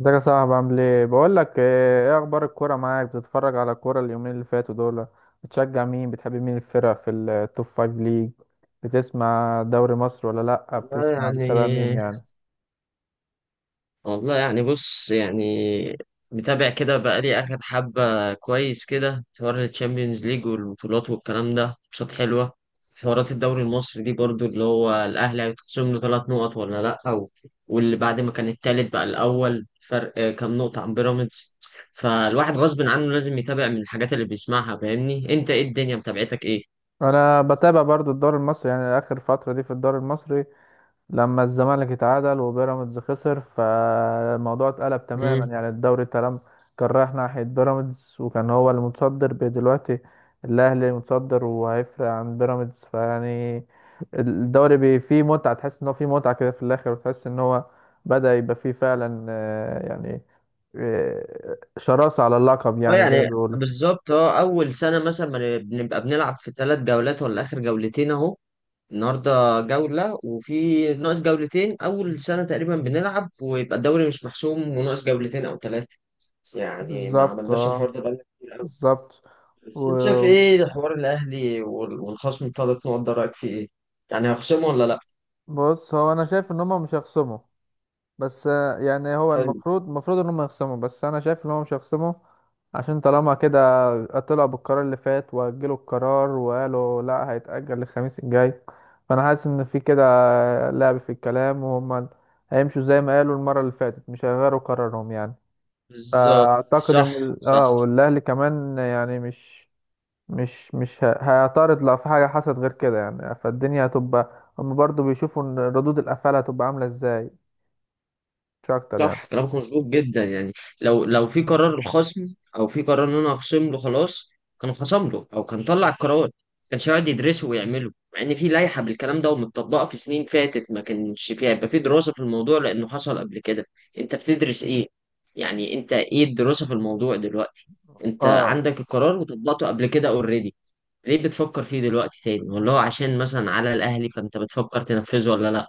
ازيك يا صاحبي؟ عامل ايه؟ بقول لك ايه، إيه اخبار الكوره معاك؟ بتتفرج على الكوره اليومين اللي فاتوا دول؟ بتشجع مين، بتحب مين الفرق في التوب فايف ليج؟ بتسمع دوري مصر ولا لا، والله بتسمع يعني بتتابع مين بص يعني متابع كده بقالي آخر حبة كويس كده في حوار الشامبيونز ليج والبطولات والكلام ده، ماتشات حلوة. في حوارات الدوري المصري دي برضو، اللي هو الأهلي هيتخصم له 3 نقط ولا لأ؟ أو واللي بعد ما كان التالت بقى الأول، فرق كام نقطة عن بيراميدز. فالواحد غصب عنه لازم يتابع من الحاجات اللي بيسمعها. فاهمني أنت؟ إيه الدنيا متابعتك إيه؟ انا بتابع برضو الدوري المصري، يعني اخر فتره دي في الدوري المصري لما الزمالك اتعادل وبيراميدز خسر، فالموضوع اتقلب تماما. يعني الدوري تمام كان رايح ناحية بيراميدز وكان هو المتصدر، دلوقتي الأهلي متصدر وهيفرق عن بيراميدز. الدوري فيه متعة، تحس إن هو فيه متعة كده في الآخر، وتحس إن هو بدأ يبقى فيه فعلا، يعني شراسة على اللقب، اه يعني زي ما يعني بيقولوا. بالظبط. اه اول سنه مثلا ما بنبقى بنلعب في 3 جولات ولا اخر جولتين اهو، النهارده جوله وفي ناقص جولتين. اول سنه تقريبا بنلعب ويبقى الدوري مش محسوم وناقص جولتين او ثلاثه. يعني ما بالظبط، عملناش الحوار اه ده بقالنا كتير قوي. بالظبط. بس انت شايف وبص، ايه حوار الاهلي والخصم الـ3 نقط ده؟ رايك فيه ايه؟ يعني هيخصموا ولا لا؟ هو أنا شايف إن هما مش هيخصموا. بس يعني هو حلو. المفروض ان هم يخصموا، بس انا شايف ان هم مش هيخصموا. عشان طالما كده طلعوا بالقرار اللي فات، واجلوا القرار وقالوا لا، هيتأجل للخميس الجاي. فانا حاسس ان في كده لعب في الكلام، وهم هيمشوا زي ما قالوا المرة اللي فاتت، مش هيغيروا قرارهم يعني. بالظبط فاعتقد ان صح صح. والاهلي كمان يعني مش هيعترض لو في حاجة حصلت غير كده يعني. فالدنيا هتبقى هم برضو بيشوفوا ان ردود الافعال هتبقى عاملة ازاي، مش اكتر يعني. صح كلامك مظبوط جدا يعني. لو في قرار الخصم او في قرار ان انا اخصم له خلاص. كان خصم له او كان طلع القرار، ما كانش يقعد يدرسه ويعمله، مع ان في لائحه بالكلام ده ومتطبقه في سنين فاتت ما كانش فيها، يبقى في دراسه في الموضوع لانه حصل قبل كده. انت بتدرس ايه؟ يعني انت ايه الدراسه في الموضوع دلوقتي؟ انت اه، عندك القرار وطبقته قبل كده اوريدي. ليه بتفكر فيه دلوقتي تاني؟ والله عشان مثلا على الاهلي؟ فانت بتفكر تنفذه ولا لا؟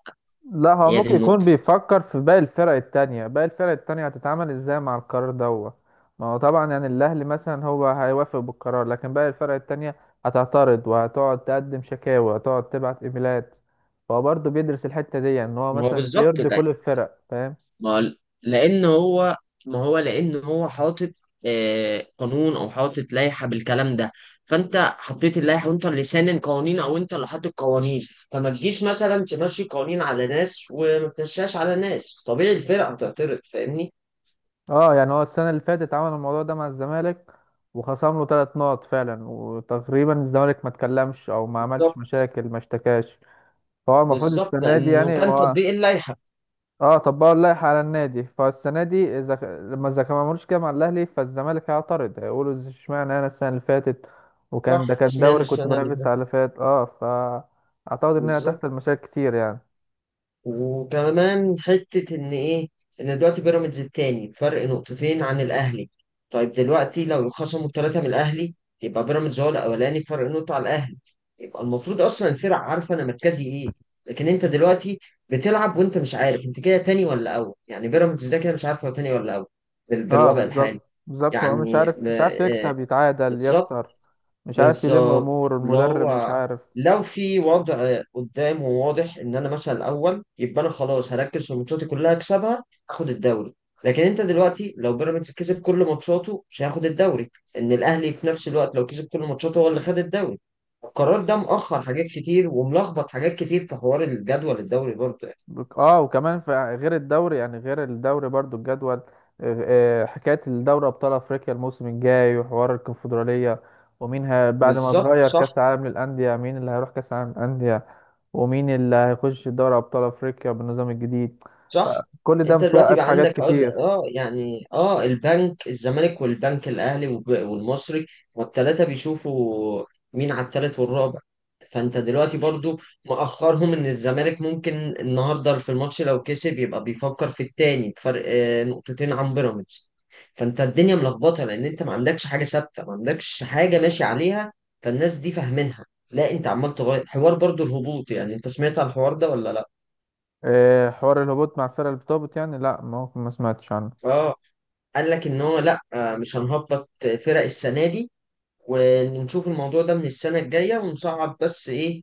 لا هو هي دي ممكن يكون النقطه. بيفكر في باقي الفرق التانية، باقي الفرق التانية هتتعامل ازاي مع القرار دوت. ما هو طبعا يعني الأهلي مثلا هو هيوافق بالقرار، لكن باقي الفرق التانية هتعترض وهتقعد تقدم شكاوى وهتقعد تبعت ايميلات. فهو برضه بيدرس الحتة دي، ان هو ما هو مثلا بالظبط. يرضي كل الفرق، فاهم. ما لان هو، ما هو لان هو حاطط قانون او حاطط لائحه بالكلام ده. فانت حطيت اللائحه، وانت اللي سانن قوانين او انت اللي حاطط قوانين. فما تجيش مثلا تمشي قوانين على ناس وما تمشيهاش على ناس. طبيعي الفرقه هتعترض، فاهمني؟ اه يعني هو السنة اللي فاتت عمل الموضوع ده مع الزمالك وخصم له ثلاث نقط فعلا، وتقريبا الزمالك ما اتكلمش او ما عملش بالظبط. مشاكل، ما اشتكاش. فهو المفروض بالظبط السنة دي لانه يعني كان هو، تطبيق اللائحه. اه طبقوا اللائحة على النادي. فالسنة دي إذا لما إذا ما عملوش كده مع الأهلي، فالزمالك هيعترض هيقولوا اشمعنى أنا السنة اللي فاتت، وكان ده صح، كان سمعنا دوري كنت السنه اللي بنافس على فاتت. اللي فات. اه فأعتقد إن هي تحت بالظبط. المشاكل كتير يعني. وكمان حتة إن إيه، إن دلوقتي بيراميدز التاني فرق نقطتين عن الأهلي. طيب دلوقتي لو خصموا التلاتة من الأهلي، يبقى بيراميدز هو الأولاني بفرق نقطة على الأهلي. يبقى المفروض أصلا الفرق عارفة أنا مركزي إيه. لكن أنت دلوقتي بتلعب وأنت مش عارف أنت كده تاني ولا أول. يعني بيراميدز ده كده مش عارف هو تاني ولا أول اه بالوضع بالظبط، الحالي. بالظبط هو مش يعني عارف، م- مش عارف آه، يكسب يتعادل يخسر، بالظبط مش عارف يلم بالظبط. أمور اللي المدرب، مش هو عارف. لو في وضع قدام وواضح ان انا مثلا الاول، يبقى انا خلاص هركز في ماتشاتي كلها اكسبها، اخد الدوري. لكن انت دلوقتي لو بيراميدز كسب كل ماتشاته مش هياخد الدوري، ان الاهلي في نفس الوقت لو كسب كل ماتشاته هو اللي خد الدوري. القرار ده مؤخر حاجات كتير وملخبط حاجات كتير في حوار الجدول الدوري برضه يعني. وكمان في غير الدوري، يعني غير الدوري برضو الجدول حكاية الدوري أبطال أفريقيا الموسم الجاي، وحوار الكونفدرالية. ومين بعد ما بالظبط اتغير كأس صح العالم للأندية، مين اللي هيروح كأس العالم للأندية، ومين اللي هيخش دوري أبطال أفريقيا بالنظام الجديد. صح. فكل ده انت دلوقتي متوقف بقى حاجات عندك عقد، كتير. اه يعني، اه البنك الزمالك والبنك الاهلي والمصري، والثلاثه بيشوفوا مين على الثالث والرابع. فانت دلوقتي برضو مأخرهم ان الزمالك ممكن النهارده في الماتش لو كسب يبقى بيفكر في الثاني بفرق نقطتين عن بيراميدز. فانت الدنيا ملخبطه، لان انت ما عندكش حاجه ثابته، ما عندكش حاجه ماشي عليها فالناس دي فاهمينها. لا انت عمال تغير. حوار برضو الهبوط، يعني انت سمعت على الحوار ده ولا لا؟ حوار الهبوط مع الفرق اللي بتهبط يعني؟ لا ما هو، ما سمعتش عنه. اه، قال لك ان هو لا مش هنهبط فرق السنه دي، ونشوف الموضوع ده من السنه الجايه، ونصعد بس ايه،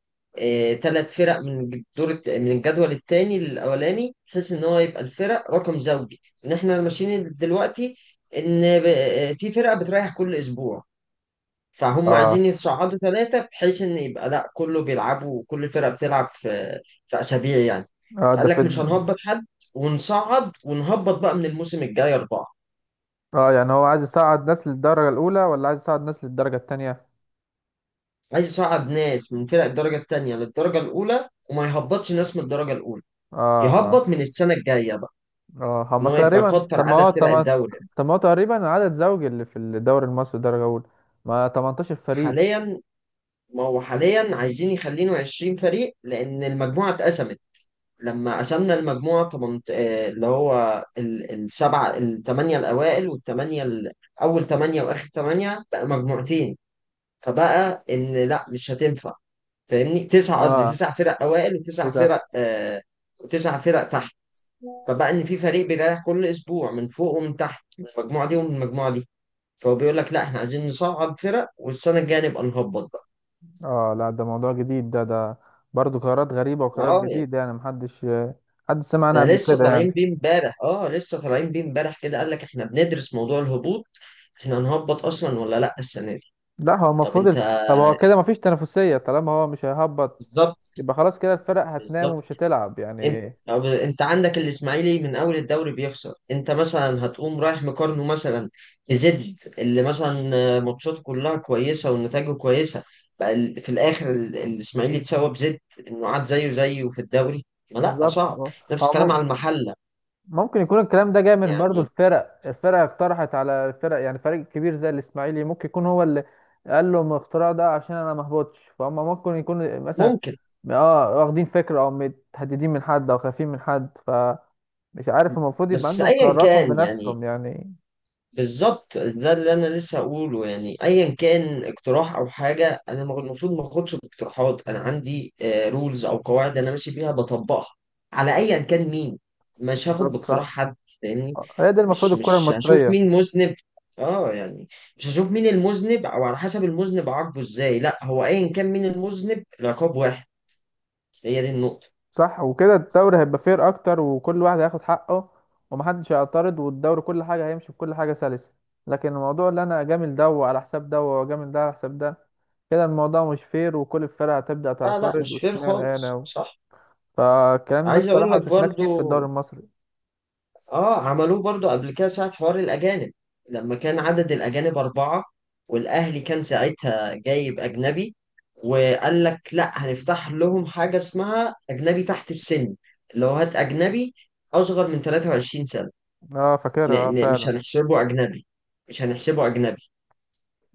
3 فرق من الجدول الثاني للاولاني، بحيث ان هو يبقى الفرق رقم زوجي. ان احنا ماشيين دلوقتي ان في فرقه بتريح كل اسبوع. فهم عايزين اه، يتصعدوا ثلاثه بحيث ان يبقى لا كله بيلعبوا، كل فرقه بتلعب في اسابيع يعني. اه ده فقال في لك مش هنهبط حد، ونصعد ونهبط بقى من الموسم الجاي 4. اه يعني هو عايز يصعد ناس للدرجة الأولى ولا عايز يصعد ناس للدرجة التانية؟ عايز يصعد ناس من فرق الدرجة التانية للدرجة الأولى، وما يهبطش ناس من الدرجة الأولى. اه، يهبط من السنة الجاية بقى. اه إن هما هو يبقى تقريبا، كتر طب ما عدد هو، طب فرق ما، الدوري. طب ما هو تقريبا عدد زوجي اللي في الدوري المصري درجة أولى، ما 18 فريق. حاليا ما هو حاليا عايزين يخلينه 20 فريق، لأن المجموعة اتقسمت. لما قسمنا المجموعة 8، اللي هو الـ7 والـ8 الأوائل أول 8 وآخر ثمانية، بقى مجموعتين. فبقى إن لا مش هتنفع، فاهمني؟ تسع، قصدي اه 9 فرق أوائل وتسع للأسف. فرق وتسع فرق تحت. فبقى ان في فريق بيريح كل اسبوع من فوق ومن تحت، من المجموعه دي ومن المجموعه دي. فهو بيقول لك لا احنا عايزين نصعد فرق والسنه الجايه نبقى نهبط بقى. اه لا، ده موضوع جديد، ده برضه قرارات غريبة وقرارات اه يعني، جديدة يعني، محدش حد سمع عنها ده قبل لسه كده طالعين يعني. بيه امبارح. اه لسه طالعين بيه امبارح كده. قال لك احنا بندرس موضوع الهبوط. احنا هنهبط اصلا ولا لا السنه دي؟ لا هو طب المفروض انت. طب هو كده مفيش تنافسية طالما هو مش هيهبط، بالظبط. يبقى خلاص كده الفرق هتنام ومش بالظبط هتلعب انت، يعني. طب انت عندك الاسماعيلي من اول الدوري بيخسر، انت مثلا هتقوم رايح مقارنه مثلا بزد، اللي مثلا ماتشاته كلها كويسه ونتائجه كويسه، بقى في الاخر الاسماعيلي اتساوى بزد، انه قعد زيه زيه في الدوري. ما لا بالظبط صعب. اه. نفس هو الكلام على المحله. ممكن يكون الكلام ده جاي من برضو يعني الفرق، الفرق اقترحت على الفرق يعني، فريق كبير زي الاسماعيلي ممكن يكون هو اللي قال لهم الاختراع ده عشان انا ما اهبطش، فهم ممكن يكون مثلا ممكن. اه واخدين فكرة او متهددين من حد او خايفين من حد، فمش عارف. المفروض يبقى بس عندهم ايا قراراتهم كان يعني، بنفسهم يعني. بالظبط ده اللي انا لسه هقوله. يعني ايا كان اقتراح او حاجه، انا المفروض ما اخدش باقتراحات. انا عندي رولز او قواعد انا ماشي بيها بطبقها على ايا كان مين. مش هاخد بالظبط باقتراح صح. حد، فاهمني؟ هي دي المفروض الكرة مش هشوف المصرية. مين مذنب. اه يعني مش هشوف مين المذنب او على حسب المذنب عاقبه ازاي. لا، هو ايا كان مين المذنب، العقاب واحد. هي دي النقطه. صح، وكده الدوري هيبقى فير اكتر، وكل واحد هياخد حقه، ومحدش هيعترض، والدوري كل حاجه هيمشي بكل حاجه سلسه. لكن الموضوع اللي انا اجامل ده على حساب ده، واجامل ده على حساب ده، كده الموضوع مش فير، وكل الفرق هتبدا لا لا، تعترض مش فير واشمعنى خالص، انا صح. فالكلام ده عايز اقول الصراحه لك شفناه برضو، كتير في الدوري المصري. اه عملوه برضو قبل كده ساعة حوار الأجانب. لما كان عدد الأجانب 4، والأهلي كان ساعتها جايب أجنبي، وقال لك لا هنفتح لهم حاجة اسمها أجنبي تحت السن. اللي هو هات أجنبي أصغر من 23 سنة. اه ن فاكرها اه ن مش فعلا. هنحسبه أجنبي، مش هنحسبه أجنبي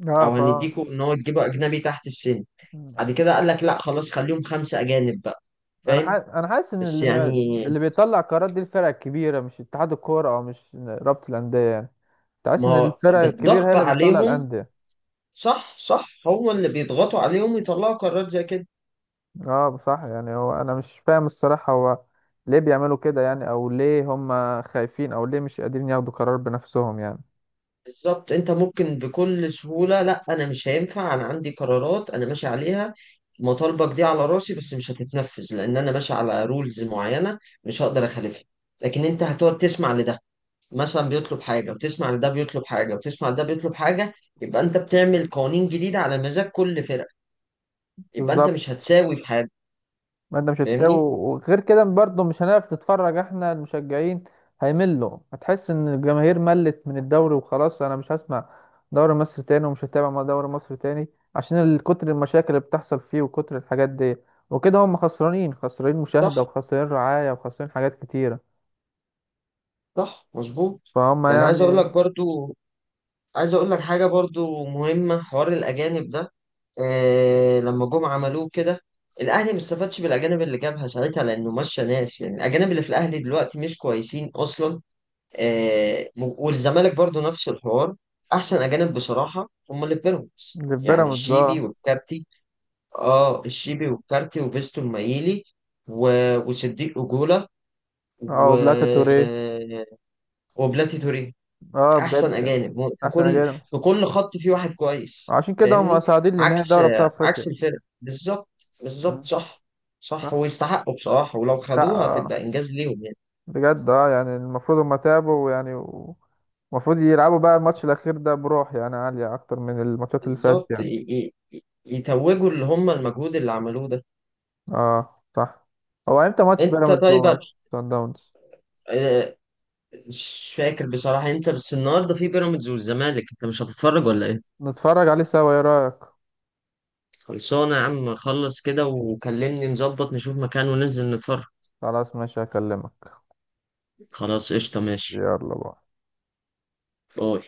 اه أو هنديكوا إن هو تجيبه أجنبي تحت السن. مم. بعد كده قال لك لا خلاص، خليهم 5 أجانب بقى، انا فاهم؟ حاسس، انا حاسس ان بس اللي ما... يعني، اللي بيطلع قرارات دي الفرق الكبيره، مش اتحاد الكوره او مش رابطه الانديه يعني. تحس ما ان هو الفرق الكبيره هي بالضغط اللي بتطلع عليهم. الانديه. صح صح، هو اللي بيضغطوا عليهم يطلعوا قرارات زي كده. اه صح، يعني هو انا مش فاهم الصراحة، هو ليه بيعملوا كده يعني، او ليه هم خايفين، او ليه مش قادرين ياخدوا قرار بنفسهم يعني. بالظبط. انت ممكن بكل سهولة لا، انا مش هينفع، انا عندي قرارات انا ماشي عليها، مطالبك دي على راسي بس مش هتتنفذ، لان انا ماشي على رولز معينة مش هقدر اخالفها. لكن انت هتقعد تسمع لده مثلا بيطلب حاجة، وتسمع لده بيطلب حاجة، وتسمع لده بيطلب حاجة، يبقى انت بتعمل قوانين جديدة على مزاج كل فرقة. يبقى انت بالظبط. مش هتساوي في حاجة، ما انت مش هتساوي، فاهمني؟ وغير كده برضه مش هنعرف نتفرج احنا المشجعين، هيملوا. هتحس ان الجماهير ملت من الدوري، وخلاص انا مش هسمع دوري مصر تاني، ومش هتابع مع دوري مصر تاني، عشان كتر المشاكل اللي بتحصل فيه وكتر الحاجات دي. وكده هم خسرانين، خسرانين مشاهدة صح وخسرانين رعاية وخسرانين حاجات كتيرة. صح مظبوط فهم يعني. عايز اقول يعني. لك برضو، عايز اقول لك حاجه برضو مهمه، حوار الاجانب ده. آه لما جم عملوه كده، الاهلي ما استفادش بالاجانب اللي جابها ساعتها لانه مشى ناس. يعني الاجانب اللي في الاهلي دلوقتي مش كويسين اصلا. والزمالك برضو نفس الحوار. احسن اجانب بصراحه هم اللي في بيراميدز، اللي في يعني بيراميدز الشيبي اه. والكارتي. اه الشيبي والكارتي وفيستو المايلي و... وصديق اجولا و... اه بلاتا توريه. وبلاتي توريه. اه احسن بجد يعني، اجانب في احسن كل، اجانب. في كل خط في واحد كويس، عشان كده هم فاهمني؟ صاعدين لنهائي عكس، دوري ابطال عكس افريقيا. الفرق بالظبط. بالظبط مم. صح. صح صح. ويستحقوا بصراحة، ولو لا خدوها اه، هتبقى انجاز ليهم يعني. بجد اه يعني المفروض هم تعبوا يعني، المفروض يلعبوا بقى الماتش الاخير ده بروح يعني عالية اكتر من الماتشات اللي فاتت بالظبط يعني. يتوجوا اللي هم المجهود اللي عملوه ده. اه صح. هو امتى ماتش انت بيراميدز طيب وصن داونز؟ آه، مش فاكر بصراحة. انت بس النهارده في بيراميدز والزمالك، انت مش هتتفرج ولا ايه؟ نتفرج عليه سوا، ايه رايك؟ خلصانة يا عم، خلص كده وكلمني، نظبط نشوف مكان وننزل نتفرج. خلاص ماشي، هكلمك. خلاص قشطة ماشي. يلا بقى. باي.